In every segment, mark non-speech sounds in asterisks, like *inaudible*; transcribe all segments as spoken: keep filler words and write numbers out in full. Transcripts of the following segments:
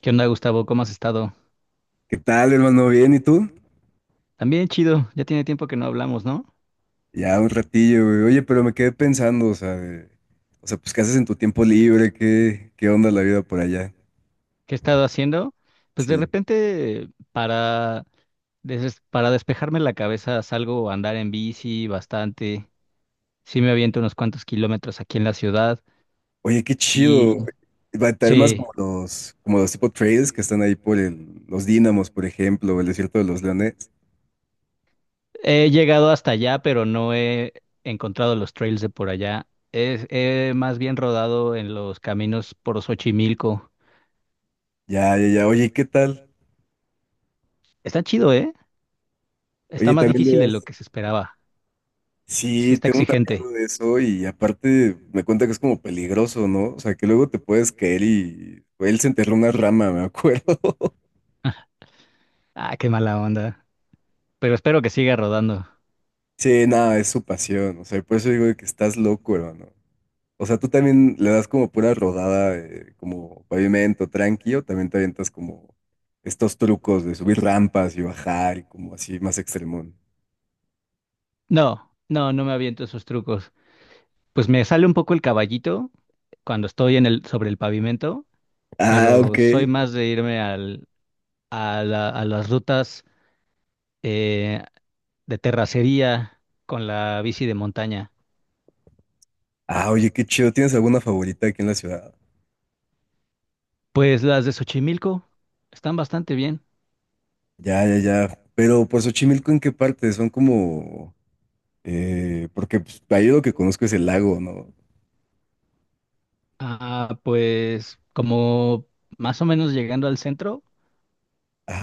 ¿Qué onda, Gustavo? ¿Cómo has estado? ¿Qué tal, hermano? ¿Bien? ¿Y tú? También chido, ya tiene tiempo que no hablamos, ¿no? Ya un ratillo, güey. Oye, pero me quedé pensando, o sea, de- o sea, pues, ¿qué haces en tu tiempo libre? ¿Qué, qué onda la vida por allá? ¿Qué he estado haciendo? Pues de Sí. repente, para, des- para despejarme la cabeza, salgo a andar en bici bastante. Sí me aviento unos cuantos kilómetros aquí en la ciudad. Oye, qué chido. Y Va a estar más sí, como los, como los tipo trails que están ahí por el, los Dínamos, por ejemplo, el desierto de los Leones. he llegado hasta allá, pero no he encontrado los trails de por allá. Es, he más bien rodado en los caminos por Xochimilco. Ya, ya, ya. Oye, ¿qué tal? Está chido, ¿eh? Está Oye, más también le difícil de lo das. que se esperaba. Sí Sí, está tengo un exigente. amigo de eso y aparte me cuenta que es como peligroso, ¿no? O sea, que luego te puedes caer y él se enterró una rama, me acuerdo. *laughs* Ah, qué mala onda. Pero espero que siga rodando. Sí, nada, es su pasión. O sea, por eso digo de que estás loco, hermano. O sea, tú también le das como pura rodada, de- como pavimento tranquilo, también te avientas como estos trucos de subir rampas y bajar y como así más extremón. No, no, no me aviento esos trucos. Pues me sale un poco el caballito cuando estoy en el, sobre el pavimento, Ah, pero ok. soy más de irme al, a la- a las rutas eh, de terracería con la bici de montaña. Ah, oye, qué chido. ¿Tienes alguna favorita aquí en la ciudad? Pues las de Xochimilco están bastante bien. Ya, ya, ya. Pero por Xochimilco, ¿en qué parte? Son como... eh, porque pues, ahí lo que conozco es el lago, ¿no? Ah, pues como más o menos llegando al centro.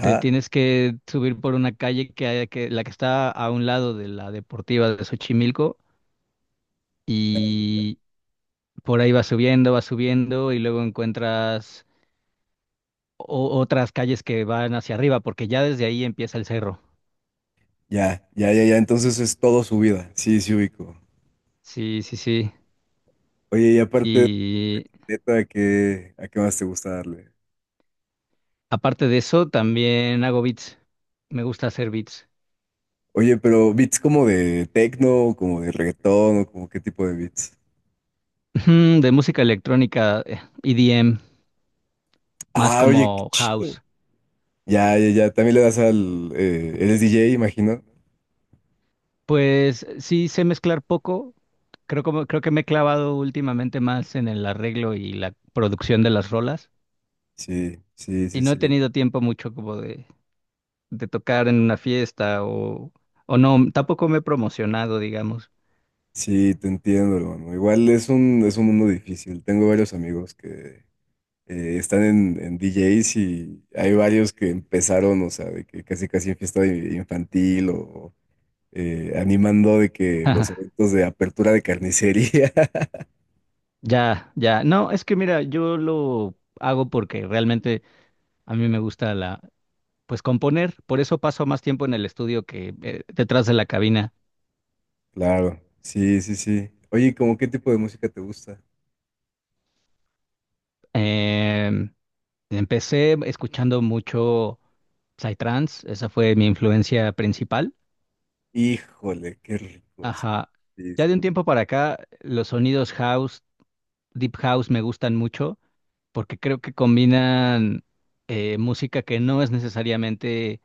Te tienes que subir por una calle que, hay- que la que está a un lado de la deportiva de Xochimilco Ya, ya, y por ahí vas subiendo, vas subiendo y luego encuentras o- otras calles que van hacia arriba porque ya desde ahí empieza el cerro. ya, ya. Ya. Ya, entonces es todo subida. Sí, sí ubico. Sí, sí, sí. Oye, y aparte de Y neta, ¿a qué, a qué más te gusta darle? aparte de eso, también hago beats. Me gusta hacer beats. Oye, pero beats como de techno, como de reggaetón, o como qué tipo de beats. *laughs* Ujú. De música electrónica, eh, E D M, más Ah, oye, qué como chido. house. Ya, ya, ya. También le das al. Eh, eres D J, imagino. Pues sí sé mezclar poco. Creo como, creo que me he clavado últimamente más en el arreglo y la producción de las rolas. Sí, sí, sí, Y no he sí. tenido tiempo mucho como de, de tocar en una fiesta o, o no, tampoco me he promocionado, digamos. Sí, te entiendo, hermano. Igual es un, es un mundo difícil. Tengo varios amigos que eh, están en, en D Js y hay varios que empezaron, o sea, de que casi casi en fiesta infantil o eh, animando de que los *laughs* eventos de apertura de carnicería. *laughs* Ya, ya. No, es que mira, yo lo hago porque realmente a mí me gusta la, pues componer. Por eso paso más tiempo en el estudio que eh, detrás de la cabina. Claro, sí, sí, sí. Oye, ¿cómo qué tipo de música te gusta? Em, Empecé escuchando mucho Psytrance, esa fue mi influencia principal. Híjole, qué rico, sí, Ajá. sí, Ya sí. de un tiempo para acá, los sonidos house, deep house me gustan mucho porque creo que combinan eh, música que no es necesariamente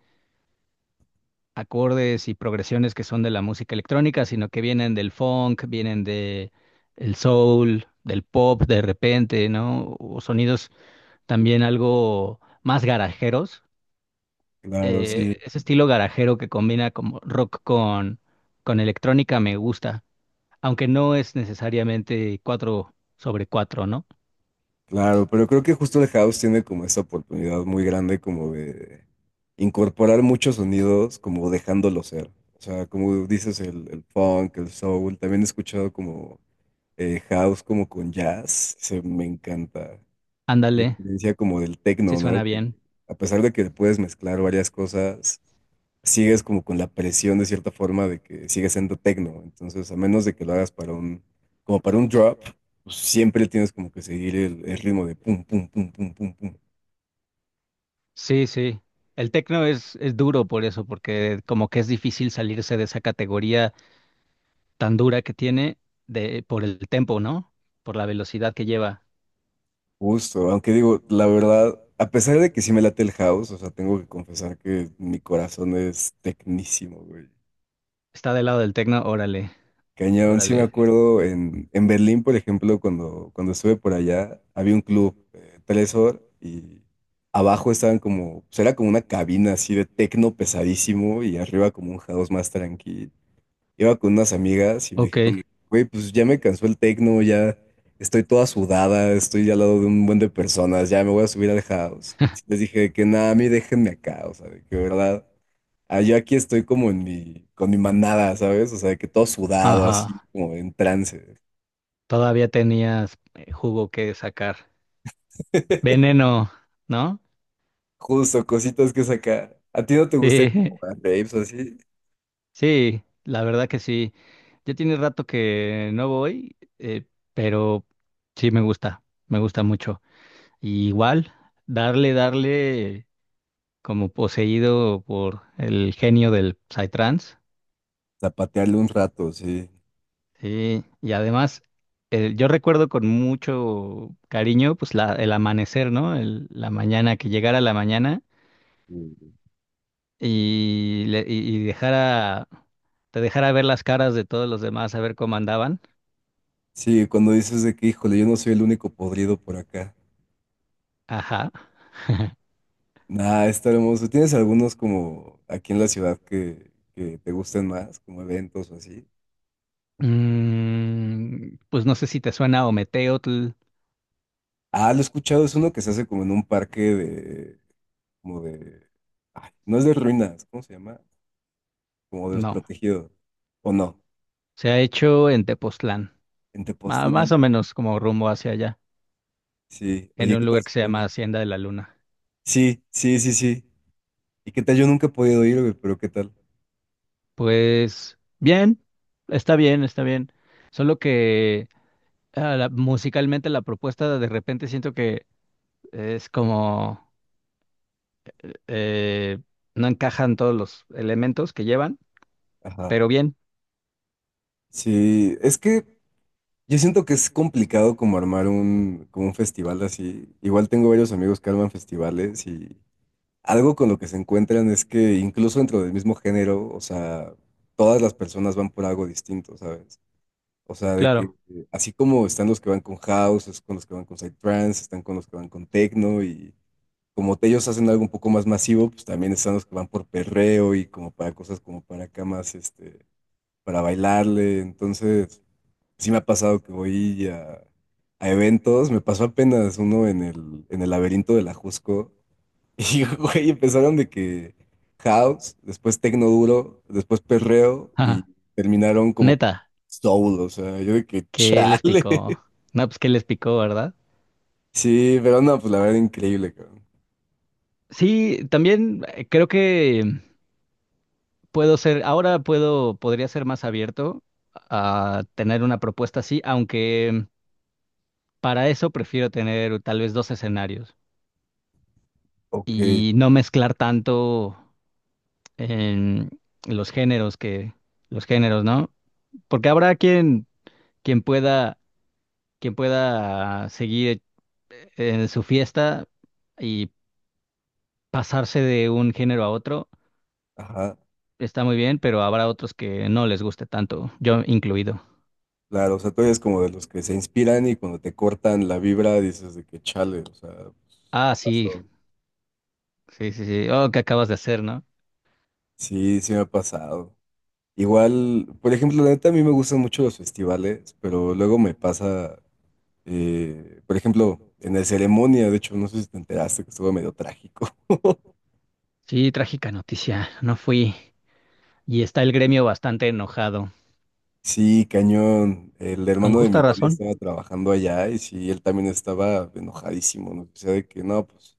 acordes y progresiones que son de la música electrónica, sino que vienen del funk, vienen de el soul, del pop de repente, ¿no? O sonidos también algo más garajeros, Claro, eh, sí, ese estilo garajero que combina como rock con, con electrónica me gusta, aunque no es necesariamente cuatro sobre cuatro, ¿no? claro, pero creo que justo el house tiene como esa oportunidad muy grande como de incorporar muchos sonidos, como dejándolo ser. O sea, como dices, el, el funk, el soul, también he escuchado como eh, house como con jazz, se me encanta. La Ándale, diferencia como del sí tecno, ¿no? suena Que bien. a pesar de que puedes mezclar varias cosas, sigues como con la presión de cierta forma de que sigues siendo tecno. Entonces, a menos de que lo hagas para un, como para un drop, pues siempre tienes como que seguir el, el ritmo de pum, pum, pum, pum, pum, pum. Sí, sí. El tecno es, es duro por eso, porque como que es difícil salirse de esa categoría tan dura que tiene de, por el tempo, ¿no? Por la velocidad que lleva. Justo, aunque digo, la verdad, a pesar de que sí me late el house, o sea, tengo que confesar que mi corazón es tecnísimo, güey. Está del lado del tecno, órale, Cañón, sí me órale. acuerdo en, en Berlín, por ejemplo, cuando, cuando estuve por allá, había un club, eh, Telesor, y abajo estaban como, pues era como una cabina así de tecno pesadísimo y arriba como un house más tranquilo. Iba con unas amigas y me Ok, dijeron, güey, pues ya me cansó el tecno, ya estoy toda sudada, estoy ya al lado de un buen de personas, ya me voy a subir al house. Y les dije que nada, a mí déjenme acá, o sea, de que verdad, ah, yo aquí estoy como en mi, con mi manada, ¿sabes? O sea, de que todo sudado, así ajá. como en trance. Todavía tenías eh, jugo que sacar. *laughs* Veneno, ¿no? Justo, cositas que sacar. ¿A ti no te gusta ir Sí, como a raves o así? *laughs* sí, la verdad que sí. Ya tiene rato que no voy, eh, pero sí me gusta, me gusta mucho. Y igual, darle, darle como poseído por el genio del Psytrance. Zapatearle un rato, sí. Sí, y además, eh, yo recuerdo con mucho cariño, pues la, el amanecer, ¿no? El- la mañana, que llegara la mañana Sí, y, le- y y dejara, te dejara ver las caras de todos los demás, a ver cómo andaban. sí, cuando dices de que, híjole, yo no soy el único podrido por acá. Ajá. Nah, está hermoso. ¿Tienes algunos como aquí en la ciudad que, que te gusten más, como eventos o así? Mm, pues no sé si te suena Ometeotl. Ah, lo he escuchado, es uno que se hace como en un parque de, como de, ay, no es de ruinas, ¿cómo se llama? Como de los No, protegidos, ¿o no? se ha hecho en Tepoztlán, En ma- más Tepoztlán, o menos como rumbo hacia allá, sí. en Oye, un ¿qué tal? lugar que se llama Hacienda de la Luna. Sí, sí, sí, sí. ¿Y qué tal? Yo nunca he podido ir, güey, pero ¿qué tal? Pues bien, está bien, está bien. Solo que ah, la- musicalmente la propuesta de repente siento que es como eh, no encajan todos los elementos que llevan, Ajá. pero bien, Sí, es que yo siento que es complicado como armar un, como un festival así. Igual tengo varios amigos que arman festivales y algo con lo que se encuentran es que incluso dentro del mismo género, o sea, todas las personas van por algo distinto, ¿sabes? O sea, de que claro. eh, así como están los que van con house, es con los que van con psytrance, están con los que van con techno y como te- ellos hacen algo un poco más masivo, pues también están los que van por perreo y como para cosas como para acá más, este, para bailarle. Entonces, sí me ha pasado que voy a, a eventos, me pasó apenas uno en el, en el laberinto de la Jusco. *laughs* Y, güey, empezaron de que house, después tecno duro, después perreo y Ajá. terminaron como Neta, soul, o sea, yo de que *laughs* ¿qué les chale. picó? No, pues qué les picó, ¿verdad? Sí, pero no, pues la verdad increíble, cabrón. Sí, también eh, creo que puedo ser, ahora puedo, podría ser más abierto a tener una propuesta así, aunque para eso prefiero tener tal vez dos escenarios Ok, y no mezclar tanto en los géneros que, los géneros, ¿no? Porque habrá quien, quien pueda, quien pueda seguir eh, en su fiesta y pasarse de un género a otro, ajá, está muy bien, pero habrá otros que no les guste tanto, yo incluido. claro, o sea, tú eres como de los que se inspiran y cuando te cortan la vibra dices de que chale, o sea, Ah, ¿qué sí, pasó? sí, sí, sí. Oh, ¿qué acabas de hacer, no? Sí, sí me ha pasado. Igual, por ejemplo, la neta a mí me gustan mucho los festivales, pero luego me pasa. Eh, por ejemplo, en la ceremonia, de hecho, no sé si te enteraste que estuvo medio trágico. *laughs* Sí, trágica noticia. No fui. Y está el gremio bastante enojado. Sí, cañón. El Con hermano de mi justa novia razón. estaba trabajando allá y sí, él también estaba enojadísimo, ¿no? O sea, de que no, pues,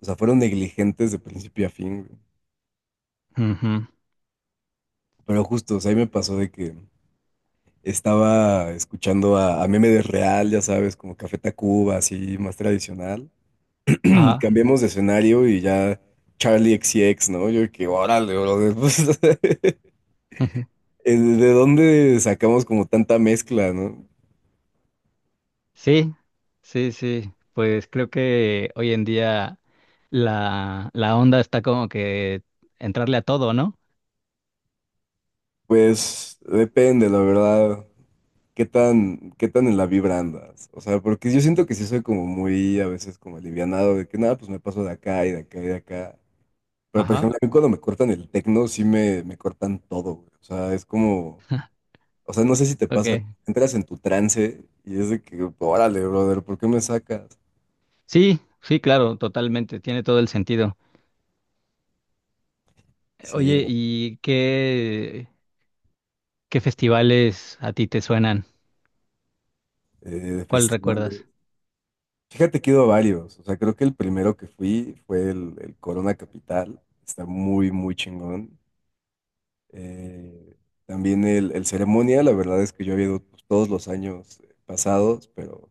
o sea, fueron negligentes de principio a fin, güey. Ujú. Pero justo, o sea, ahí me pasó de que estaba escuchando a, a Meme de Real, ya sabes, como Café Tacuba, así, más tradicional. *clears throat* Ah, Cambiamos de escenario y ya Charlie X C X, ¿no? Yo de que, órale, brother, *laughs* pues, *laughs* Eh, ¿de dónde sacamos como tanta mezcla, no? sí, sí, sí. Pues creo que hoy en día la, la onda está como que entrarle a todo, ¿no? Pues depende, la verdad, qué tan, qué tan en la vibra andas. O sea, porque yo siento que sí soy como muy a veces como alivianado de que nada, pues me paso de acá y de acá y de acá. Pero por Ajá, ejemplo, a mí cuando me cortan el tecno, sí me, me cortan todo, güey. O sea, es como, o sea, no sé si te ok. pasa, entras en tu trance y es de que, órale, brother, ¿por qué me sacas? Sí, sí, claro, totalmente. Tiene todo el sentido. Sí, Oye, ¿y qué, ¿qué festivales a ti te suenan? eh, de ¿Cuál festivales. recuerdas? Fíjate que he ido a varios. O sea, creo que el primero que fui fue el, el Corona Capital. Está muy, muy chingón. Eh, también el, el Ceremonia, la verdad es que yo había ido pues, todos los años eh, pasados, pero,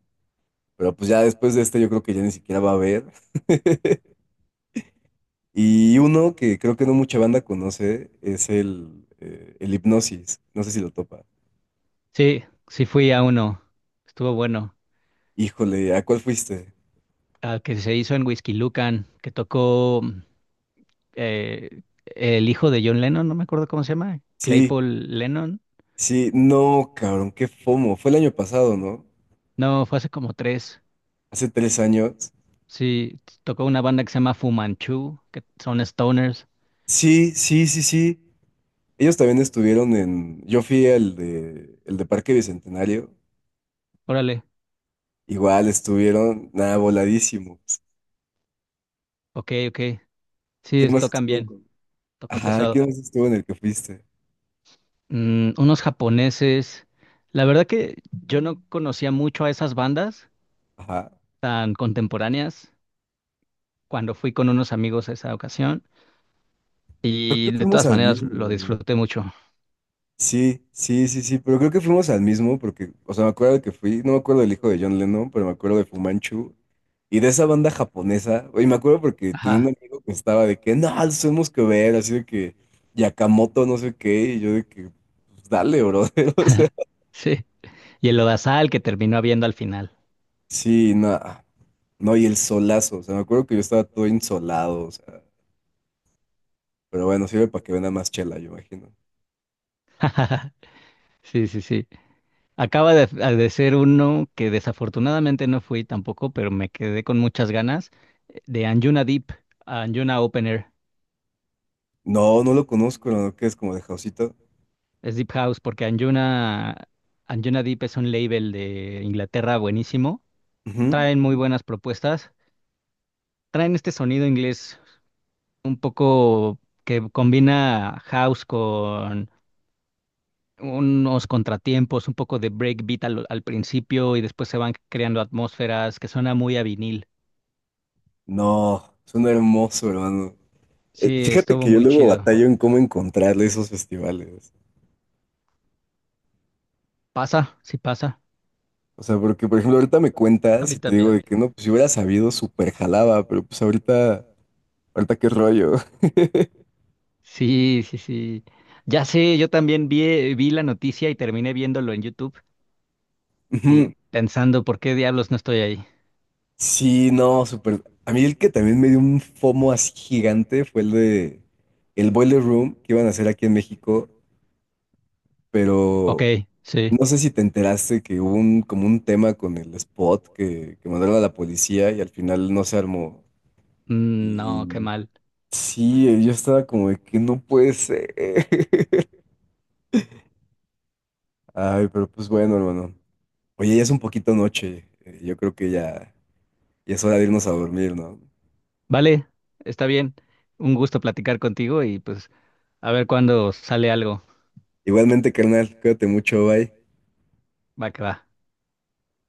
pero pues ya después de este yo creo que ya ni siquiera va a haber. *laughs* Y uno que creo que no mucha banda conoce es el, eh, el Hipnosis. No sé si lo topa. Sí, sí fui a uno. Estuvo bueno. Híjole, ¿a cuál fuiste? Al que se hizo en Whiskey Lucan, que tocó mm, eh, el hijo de John Lennon, no me acuerdo cómo se llama, Sí, Claypool Lennon. sí, no, cabrón, qué fomo. Fue el año pasado, ¿no? No, fue hace como tres. Hace tres años. Sí, tocó una banda que se llama Fu Manchu, que son stoners. Sí, sí, sí, sí. Ellos también estuvieron en. Yo fui al de el de Parque Bicentenario. Órale, Igual estuvieron nada voladísimos. ok, ok. Sí, ¿Quién es- más tocan estuvo bien, con? tocan Ajá, pesado. ¿quién más estuvo en el que fuiste? Mm, unos japoneses. La verdad que yo no conocía mucho a esas bandas Ajá. tan contemporáneas cuando fui con unos amigos a esa ocasión. Creo que Y de fuimos todas al maneras mismo, lo ¿no? disfruté mucho. Sí, sí, sí, sí, pero creo que fuimos al mismo porque, o sea, me acuerdo que fui, no me acuerdo del hijo de John Lennon, pero me acuerdo de Fumanchu y de esa banda japonesa, y me acuerdo porque tenía un Ajá. amigo que estaba de que, no, los tenemos que ver, así de que Yakamoto, no sé qué, y yo de que, pues dale, brother, *laughs* o sea, *laughs* Sí. Y el lodazal que terminó habiendo al final. sí, nada, no, y el solazo, o sea, me acuerdo que yo estaba todo insolado, o sea, pero bueno, sirve para que venda más chela, yo imagino. *laughs* Sí, sí, sí. Acaba de, de ser uno que desafortunadamente no fui tampoco, pero me quedé con muchas ganas eh, de Anjuna Deep, Anjuna Open Air. No, no lo conozco, ¿no? Que es como de Jausito. Es Deep House porque Anjuna, Anjuna Deep es un label de Inglaterra buenísimo. Ujú. Traen muy buenas propuestas. Traen este sonido inglés un poco que combina house unos contratiempos, un poco de breakbeat al, al principio y después se van creando atmósferas que suena muy a vinil. No, suena hermoso, hermano. Eh, Sí, Fíjate estuvo que yo muy luego chido. batallo en cómo encontrarle esos festivales. ¿Pasa? Sí pasa. O sea, porque por ejemplo ahorita me *laughs* A cuentas mí y te digo también. de que no, pues si hubiera sabido, súper jalaba, pero pues ahorita, ahorita qué rollo. Sí, sí, sí. Ya sé, yo también vi, vi la noticia y terminé viéndolo en YouTube, Ujú. ti- pensando por qué diablos no estoy ahí. Sí, no, súper. A mí el que también me dio un FOMO así gigante fue el de el Boiler Room que iban a hacer aquí en México, Ok, pero sí. no sé si te enteraste que hubo un, como un tema con el spot que, que mandaron a la policía y al final no se armó. Mm, no, qué Y mal. sí, eh, yo estaba como de que no puede ser. *laughs* Ay, pero pues bueno, hermano. Oye, ya es un poquito noche. eh, Yo creo que ya, ya es hora de irnos a dormir, ¿no? Vale, está bien. Un gusto platicar contigo y pues a ver cuándo sale algo. Igualmente, carnal, cuídate mucho, bye. Va que va.